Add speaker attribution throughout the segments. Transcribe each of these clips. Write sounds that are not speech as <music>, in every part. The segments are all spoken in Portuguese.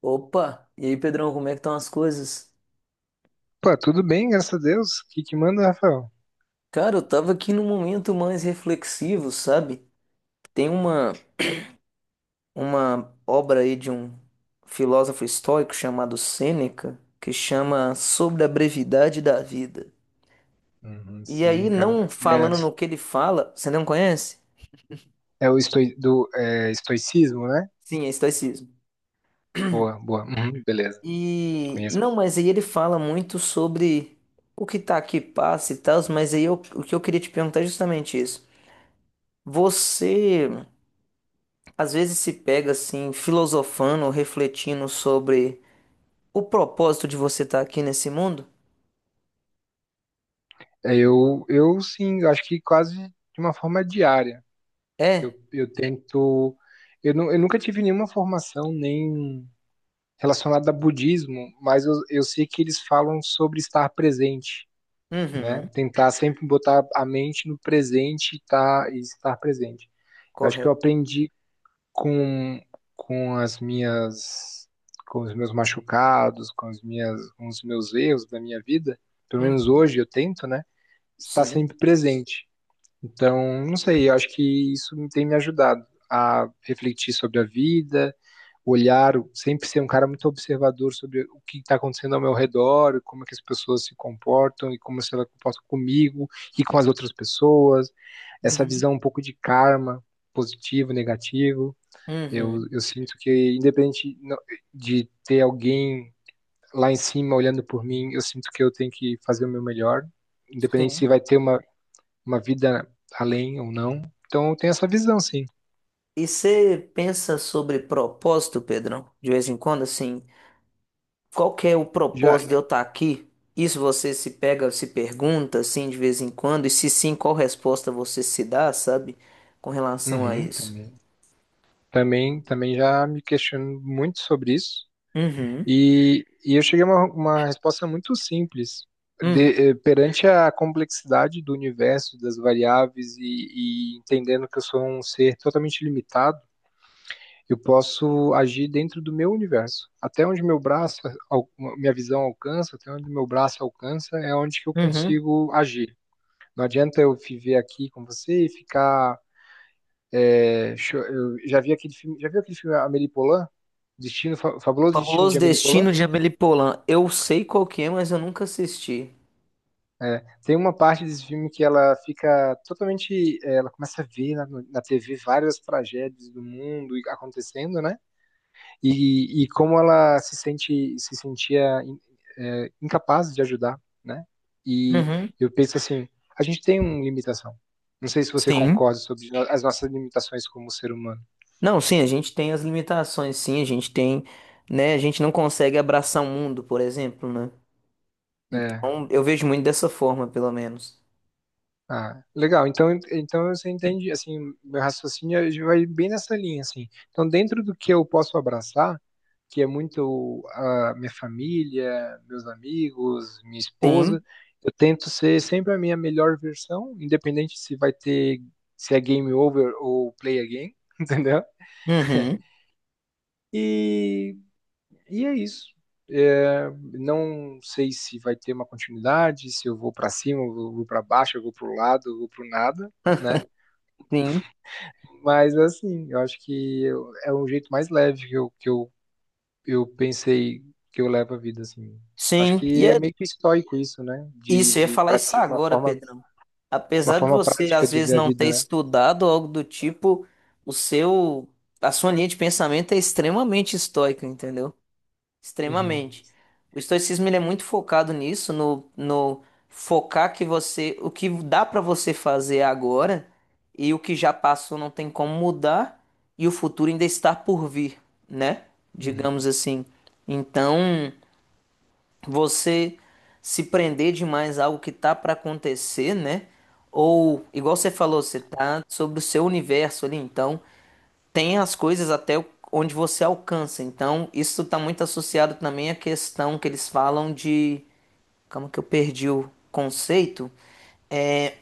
Speaker 1: Opa, e aí, Pedrão, como é que estão as coisas?
Speaker 2: Pô, tudo bem, graças a Deus. O que que manda, Rafael?
Speaker 1: Cara, eu tava aqui num momento mais reflexivo, sabe? Tem uma obra aí de um filósofo estoico chamado Sêneca, que chama Sobre a Brevidade da Vida.
Speaker 2: Uhum,
Speaker 1: E aí,
Speaker 2: sim, cara.
Speaker 1: não falando no que ele fala, você não conhece?
Speaker 2: É o estoicismo, né?
Speaker 1: Sim, é estoicismo.
Speaker 2: Boa, boa. Uhum, beleza,
Speaker 1: E
Speaker 2: conheço.
Speaker 1: não, mas aí ele fala muito sobre o que tá aqui passa e tal, mas aí o que eu queria te perguntar é justamente isso. Você Às vezes se pega assim, filosofando, refletindo sobre o propósito de você estar aqui nesse mundo?
Speaker 2: Sim, eu acho que quase de uma forma diária. Eu,
Speaker 1: É?
Speaker 2: eu tento... Eu nunca tive nenhuma formação nem relacionada a budismo, mas eu sei que eles falam sobre estar presente, né?
Speaker 1: Uhum.
Speaker 2: Tentar sempre botar a mente no presente e, tá, e estar presente. Eu acho que eu
Speaker 1: Correto.
Speaker 2: aprendi com, com as minhas, com os meus machucados, com as minhas, com os meus erros da minha vida, pelo menos
Speaker 1: Uhum.
Speaker 2: hoje eu tento, né, estar
Speaker 1: Sim.
Speaker 2: sempre presente. Então, não sei, eu acho que isso tem me ajudado a refletir sobre a vida, olhar, sempre ser um cara muito observador sobre o que está acontecendo ao meu redor, como é que as pessoas se comportam e como se elas comportam comigo e com as outras pessoas, essa
Speaker 1: Uhum.
Speaker 2: visão um pouco de karma, positivo, negativo. Eu,
Speaker 1: Uhum.
Speaker 2: eu sinto que, independente no- de ter alguém lá em cima olhando por mim, eu sinto que eu tenho que fazer o meu melhor, independente se
Speaker 1: Sim.
Speaker 2: vai ter uma vida além ou não. Então, eu tenho essa visão, sim.
Speaker 1: E você pensa sobre propósito, Pedrão? De vez em quando, assim, qual que é o
Speaker 2: Já,
Speaker 1: propósito de eu estar aqui? Isso você se pega, se pergunta, assim, de vez em quando, e se sim, qual resposta você se dá, sabe? Com relação a
Speaker 2: uhum,
Speaker 1: isso.
Speaker 2: também já me questiono muito sobre isso.
Speaker 1: Uhum.
Speaker 2: E eu cheguei a uma resposta muito simples.
Speaker 1: Uhum.
Speaker 2: Perante a complexidade do universo, das variáveis e entendendo que eu sou um ser totalmente limitado. Eu posso agir dentro do meu universo. Até onde meu braço, minha visão alcança, até onde meu braço alcança, é onde que eu
Speaker 1: Uhum.
Speaker 2: consigo agir. Não adianta eu viver aqui com você e ficar. Eu já vi aquele filme, já viu aquele filme Amélie Poulain? Destino, Fabuloso Destino
Speaker 1: Fabuloso
Speaker 2: de Amélie Poulain?
Speaker 1: Destino de Amélie Poulain. Eu sei qual que é, mas eu nunca assisti.
Speaker 2: É, tem uma parte desse filme que ela fica totalmente. É, ela começa a ver na TV várias tragédias do mundo e acontecendo, né? E como ela se sentia é, incapaz de ajudar, né? E
Speaker 1: Uhum.
Speaker 2: eu penso assim, a gente tem uma limitação. Não sei se você
Speaker 1: Sim.
Speaker 2: concorda sobre as nossas limitações como ser humano,
Speaker 1: Não, sim, a gente tem as limitações, sim, a gente tem, né? A gente não consegue abraçar o mundo, por exemplo, né?
Speaker 2: né?
Speaker 1: Então, eu vejo muito dessa forma, pelo menos.
Speaker 2: Ah, legal. Então, então você entende, assim, meu raciocínio já vai bem nessa linha, assim. Então, dentro do que eu posso abraçar, que é muito a minha família, meus amigos, minha esposa,
Speaker 1: Sim.
Speaker 2: eu tento ser sempre a minha melhor versão, independente se vai ter, se é game over ou play again, <laughs> entendeu?
Speaker 1: Uhum.
Speaker 2: E, e é isso. É, não sei se vai ter uma continuidade, se eu vou para cima, eu vou para baixo, eu vou para o lado, eu vou para o nada, né?
Speaker 1: <laughs> Sim.
Speaker 2: Mas assim, eu acho que é um jeito mais leve que eu pensei que eu levo a vida, assim. Acho
Speaker 1: Sim.
Speaker 2: que
Speaker 1: E
Speaker 2: é
Speaker 1: é
Speaker 2: meio que estoico isso, né?
Speaker 1: isso, eu ia falar isso agora, Pedrão.
Speaker 2: Uma
Speaker 1: Apesar de
Speaker 2: forma
Speaker 1: você,
Speaker 2: prática
Speaker 1: às
Speaker 2: de
Speaker 1: vezes,
Speaker 2: ver a
Speaker 1: não ter
Speaker 2: vida, né?
Speaker 1: estudado algo do tipo, o seu, a sua linha de pensamento é extremamente estoica, entendeu?
Speaker 2: Uhum,
Speaker 1: Extremamente. O estoicismo ele é muito focado nisso, no focar o que dá pra você fazer agora e o que já passou não tem como mudar e o futuro ainda está por vir, né? Digamos
Speaker 2: uhum.
Speaker 1: assim. Então, você se prender demais a algo que tá pra acontecer, né? Ou, igual você falou, você tá sobre o seu universo ali, então tem as coisas até onde você alcança. Então, isso está muito associado também à questão que eles falam de. Calma que eu perdi o conceito. É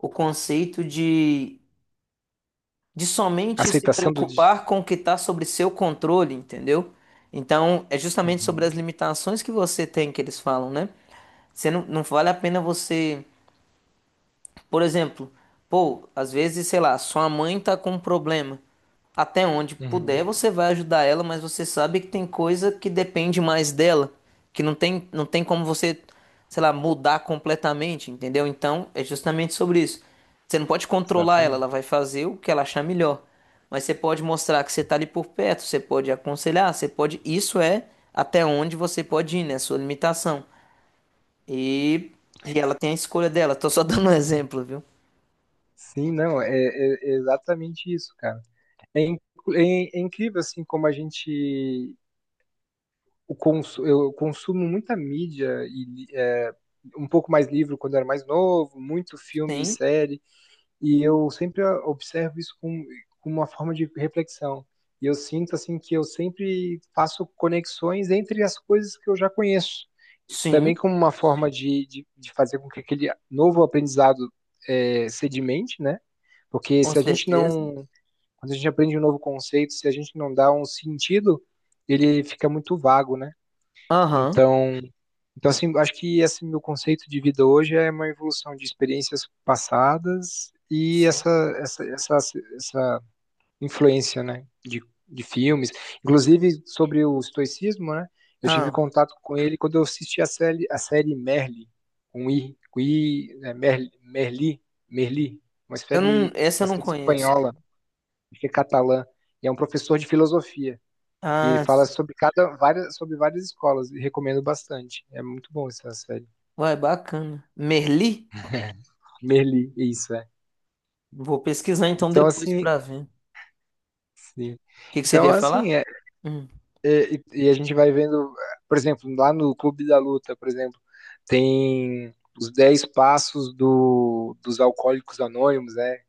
Speaker 1: o conceito de somente se
Speaker 2: Aceitação do.
Speaker 1: preocupar com o que está sobre seu controle, entendeu? Então, é justamente sobre as
Speaker 2: Uhum,
Speaker 1: limitações que você tem que eles falam, né? Você não, não vale a pena você. Por exemplo, pô, às vezes, sei lá, sua mãe tá com um problema. Até onde
Speaker 2: uhum.
Speaker 1: puder, você vai ajudar ela, mas você sabe que tem coisa que depende mais dela, que não tem como você, sei lá, mudar completamente, entendeu? Então, é justamente sobre isso. Você não pode controlar ela, ela
Speaker 2: Exatamente.
Speaker 1: vai fazer o que ela achar melhor. Mas você pode mostrar que você tá ali por perto, você pode aconselhar, você pode. Isso é até onde você pode ir, né? Sua limitação. E, e ela tem a escolha dela. Tô só <laughs> dando um exemplo, viu?
Speaker 2: Sim, não, é exatamente isso, cara. É, in- É incrível, assim, como a gente eu consumo muita mídia um pouco mais livro quando eu era mais novo, muito filme e
Speaker 1: Sim,
Speaker 2: série, e eu sempre observo isso com uma forma de reflexão. E eu sinto assim que eu sempre faço conexões entre as coisas que eu já conheço, também
Speaker 1: sim,
Speaker 2: como uma forma de fazer com que aquele novo aprendizado é, sedimente, né? Porque
Speaker 1: com
Speaker 2: se a gente
Speaker 1: certeza.
Speaker 2: não, quando a gente aprende um novo conceito, se a gente não dá um sentido, ele fica muito vago, né?
Speaker 1: Aham,
Speaker 2: Então, então assim, acho que esse meu conceito de vida hoje é uma evolução de experiências passadas e
Speaker 1: sim.
Speaker 2: essa essa, essa influência, né, de filmes, inclusive sobre o estoicismo, né? Eu tive
Speaker 1: Ah,
Speaker 2: contato com ele quando eu assisti a série Merli, um i, com i, né, Merli,
Speaker 1: eu não, essa
Speaker 2: uma
Speaker 1: eu não
Speaker 2: série
Speaker 1: conheço.
Speaker 2: espanhola, acho que é catalã, e é um professor de filosofia. E ele
Speaker 1: Ah,
Speaker 2: fala
Speaker 1: sim.
Speaker 2: sobre cada várias sobre várias escolas e recomendo bastante. É muito bom essa série.
Speaker 1: Ué, bacana. Merli?
Speaker 2: Merli, isso é.
Speaker 1: Vou pesquisar então
Speaker 2: Então
Speaker 1: depois
Speaker 2: assim,
Speaker 1: pra ver. O
Speaker 2: sim.
Speaker 1: que que você
Speaker 2: Então
Speaker 1: iria
Speaker 2: assim,
Speaker 1: falar? Hum.
Speaker 2: e a gente vai vendo, por exemplo, lá no Clube da Luta, por exemplo, tem os 10 passos dos alcoólicos anônimos, né?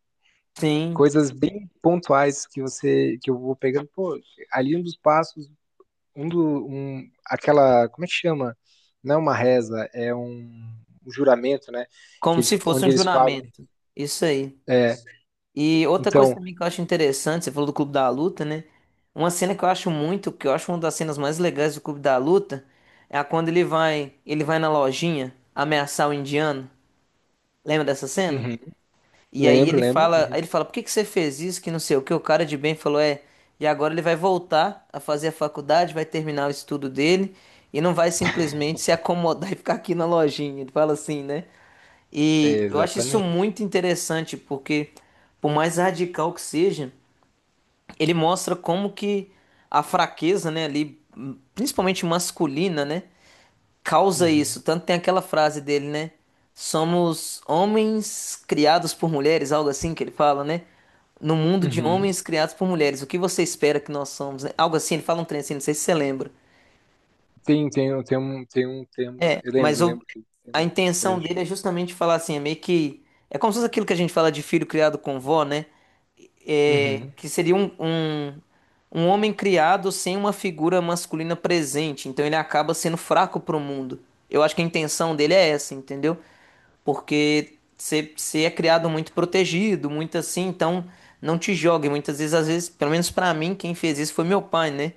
Speaker 1: Sim,
Speaker 2: Coisas bem pontuais que você que eu vou pegando, pô, ali um dos passos aquela, como é que chama? Não é uma reza, um juramento, né?
Speaker 1: como se fosse
Speaker 2: Onde
Speaker 1: um
Speaker 2: eles falam.
Speaker 1: juramento. Isso aí.
Speaker 2: É,
Speaker 1: E outra coisa
Speaker 2: então,
Speaker 1: também que eu acho interessante, você falou do Clube da Luta, né? Uma cena que eu acho uma das cenas mais legais do Clube da Luta, é a quando ele vai, na lojinha ameaçar o indiano. Lembra dessa cena?
Speaker 2: uhum,
Speaker 1: E aí ele
Speaker 2: lembro.
Speaker 1: fala,
Speaker 2: Uhum,
Speaker 1: por que que você fez isso? Que não sei o que. O cara de bem falou, e agora ele vai voltar a fazer a faculdade, vai terminar o estudo dele e não vai simplesmente se acomodar <laughs> e ficar aqui na lojinha. Ele fala assim, né?
Speaker 2: é,
Speaker 1: E eu acho isso
Speaker 2: exatamente.
Speaker 1: muito interessante, porque por mais radical que seja, ele mostra como que a fraqueza, né, ali, principalmente masculina, né, causa
Speaker 2: Uhum,
Speaker 1: isso. Tanto tem aquela frase dele, né? Somos homens criados por mulheres, algo assim que ele fala, né? No mundo de
Speaker 2: uhum.
Speaker 1: homens criados por mulheres, o que você espera que nós somos, né? Algo assim, ele fala um trem assim, não sei se você lembra.
Speaker 2: Tem um tema.
Speaker 1: É,
Speaker 2: Eu
Speaker 1: mas o
Speaker 2: lembro que tem
Speaker 1: a
Speaker 2: um
Speaker 1: intenção dele
Speaker 2: trecho.
Speaker 1: é justamente falar assim, é meio que. É como se fosse aquilo que a gente fala de filho criado com vó, né?
Speaker 2: Uhum,
Speaker 1: Que seria um homem criado sem uma figura masculina presente. Então ele acaba sendo fraco pro mundo. Eu acho que a intenção dele é essa, entendeu? Porque você é criado muito protegido, muito assim, então não te jogue. Muitas vezes, às vezes, pelo menos pra mim, quem fez isso foi meu pai, né?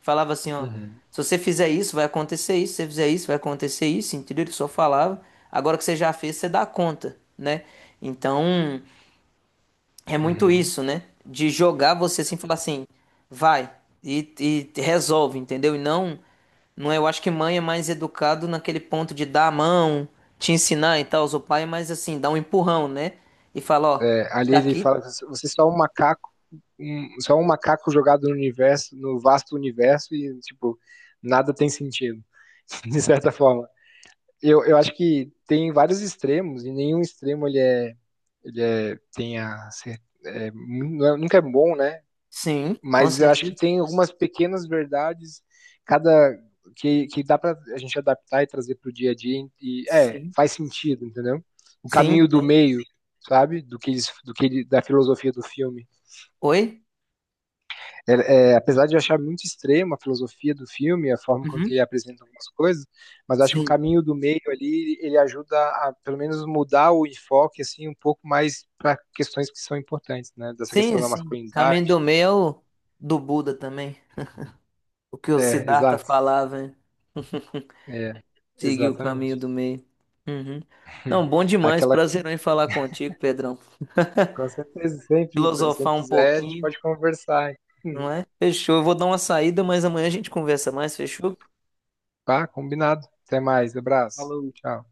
Speaker 1: Falava assim, ó,
Speaker 2: uhum,
Speaker 1: se você fizer isso, vai acontecer isso, se você fizer isso, vai acontecer isso, entendeu? Ele só falava, agora que você já fez, você dá conta, né? Então, é muito
Speaker 2: uhum.
Speaker 1: isso, né? De jogar você assim, falar assim, vai e resolve, entendeu? E não, não é, eu acho que mãe é mais educado naquele ponto de dar a mão, te ensinar e tal, o pai é mais assim, dá um empurrão, né? E fala, ó,
Speaker 2: É, ali ele
Speaker 1: daqui,
Speaker 2: fala, que você é só um macaco, só um macaco jogado no universo, no vasto universo, e tipo, nada tem sentido, <laughs> de certa forma. Eu acho que tem vários extremos e nenhum extremo ele é tem a ser- é, nu- é- nunca é bom, né?
Speaker 1: sim, com
Speaker 2: Mas eu acho que
Speaker 1: certeza,
Speaker 2: tem algumas pequenas verdades cada que dá para a gente adaptar e trazer para o dia a dia e é
Speaker 1: sim,
Speaker 2: faz sentido, entendeu? O
Speaker 1: sim,
Speaker 2: caminho do
Speaker 1: tem.
Speaker 2: meio, sabe? Do que eles- do que ele- Da filosofia do filme.
Speaker 1: Oi?
Speaker 2: Apesar de eu achar muito extrema a filosofia do filme, a forma com que
Speaker 1: Uhum.
Speaker 2: ele apresenta algumas coisas, mas acho que o
Speaker 1: Sim,
Speaker 2: caminho do meio ali, ele ajuda a, pelo menos, mudar o enfoque, assim, um pouco mais para questões que são importantes, né? Dessa
Speaker 1: sim,
Speaker 2: questão da
Speaker 1: sim. Caminho
Speaker 2: masculinidade.
Speaker 1: do meio é o do Buda também, o que o
Speaker 2: É,
Speaker 1: Siddhartha
Speaker 2: exato.
Speaker 1: falava, hein?
Speaker 2: É,
Speaker 1: Seguir o caminho
Speaker 2: exatamente.
Speaker 1: do meio. Uhum. Não,
Speaker 2: <laughs>
Speaker 1: bom demais.
Speaker 2: Aquela,
Speaker 1: Prazer em falar contigo, Pedrão.
Speaker 2: com certeza, sempre,
Speaker 1: Filosofar
Speaker 2: sempre
Speaker 1: um
Speaker 2: quiser, a gente
Speaker 1: pouquinho,
Speaker 2: pode conversar.
Speaker 1: não
Speaker 2: <laughs>
Speaker 1: é? Fechou. Eu vou dar uma saída, mas amanhã a gente conversa mais, fechou?
Speaker 2: Tá, combinado. Até mais, abraço.
Speaker 1: Falou.
Speaker 2: Tchau.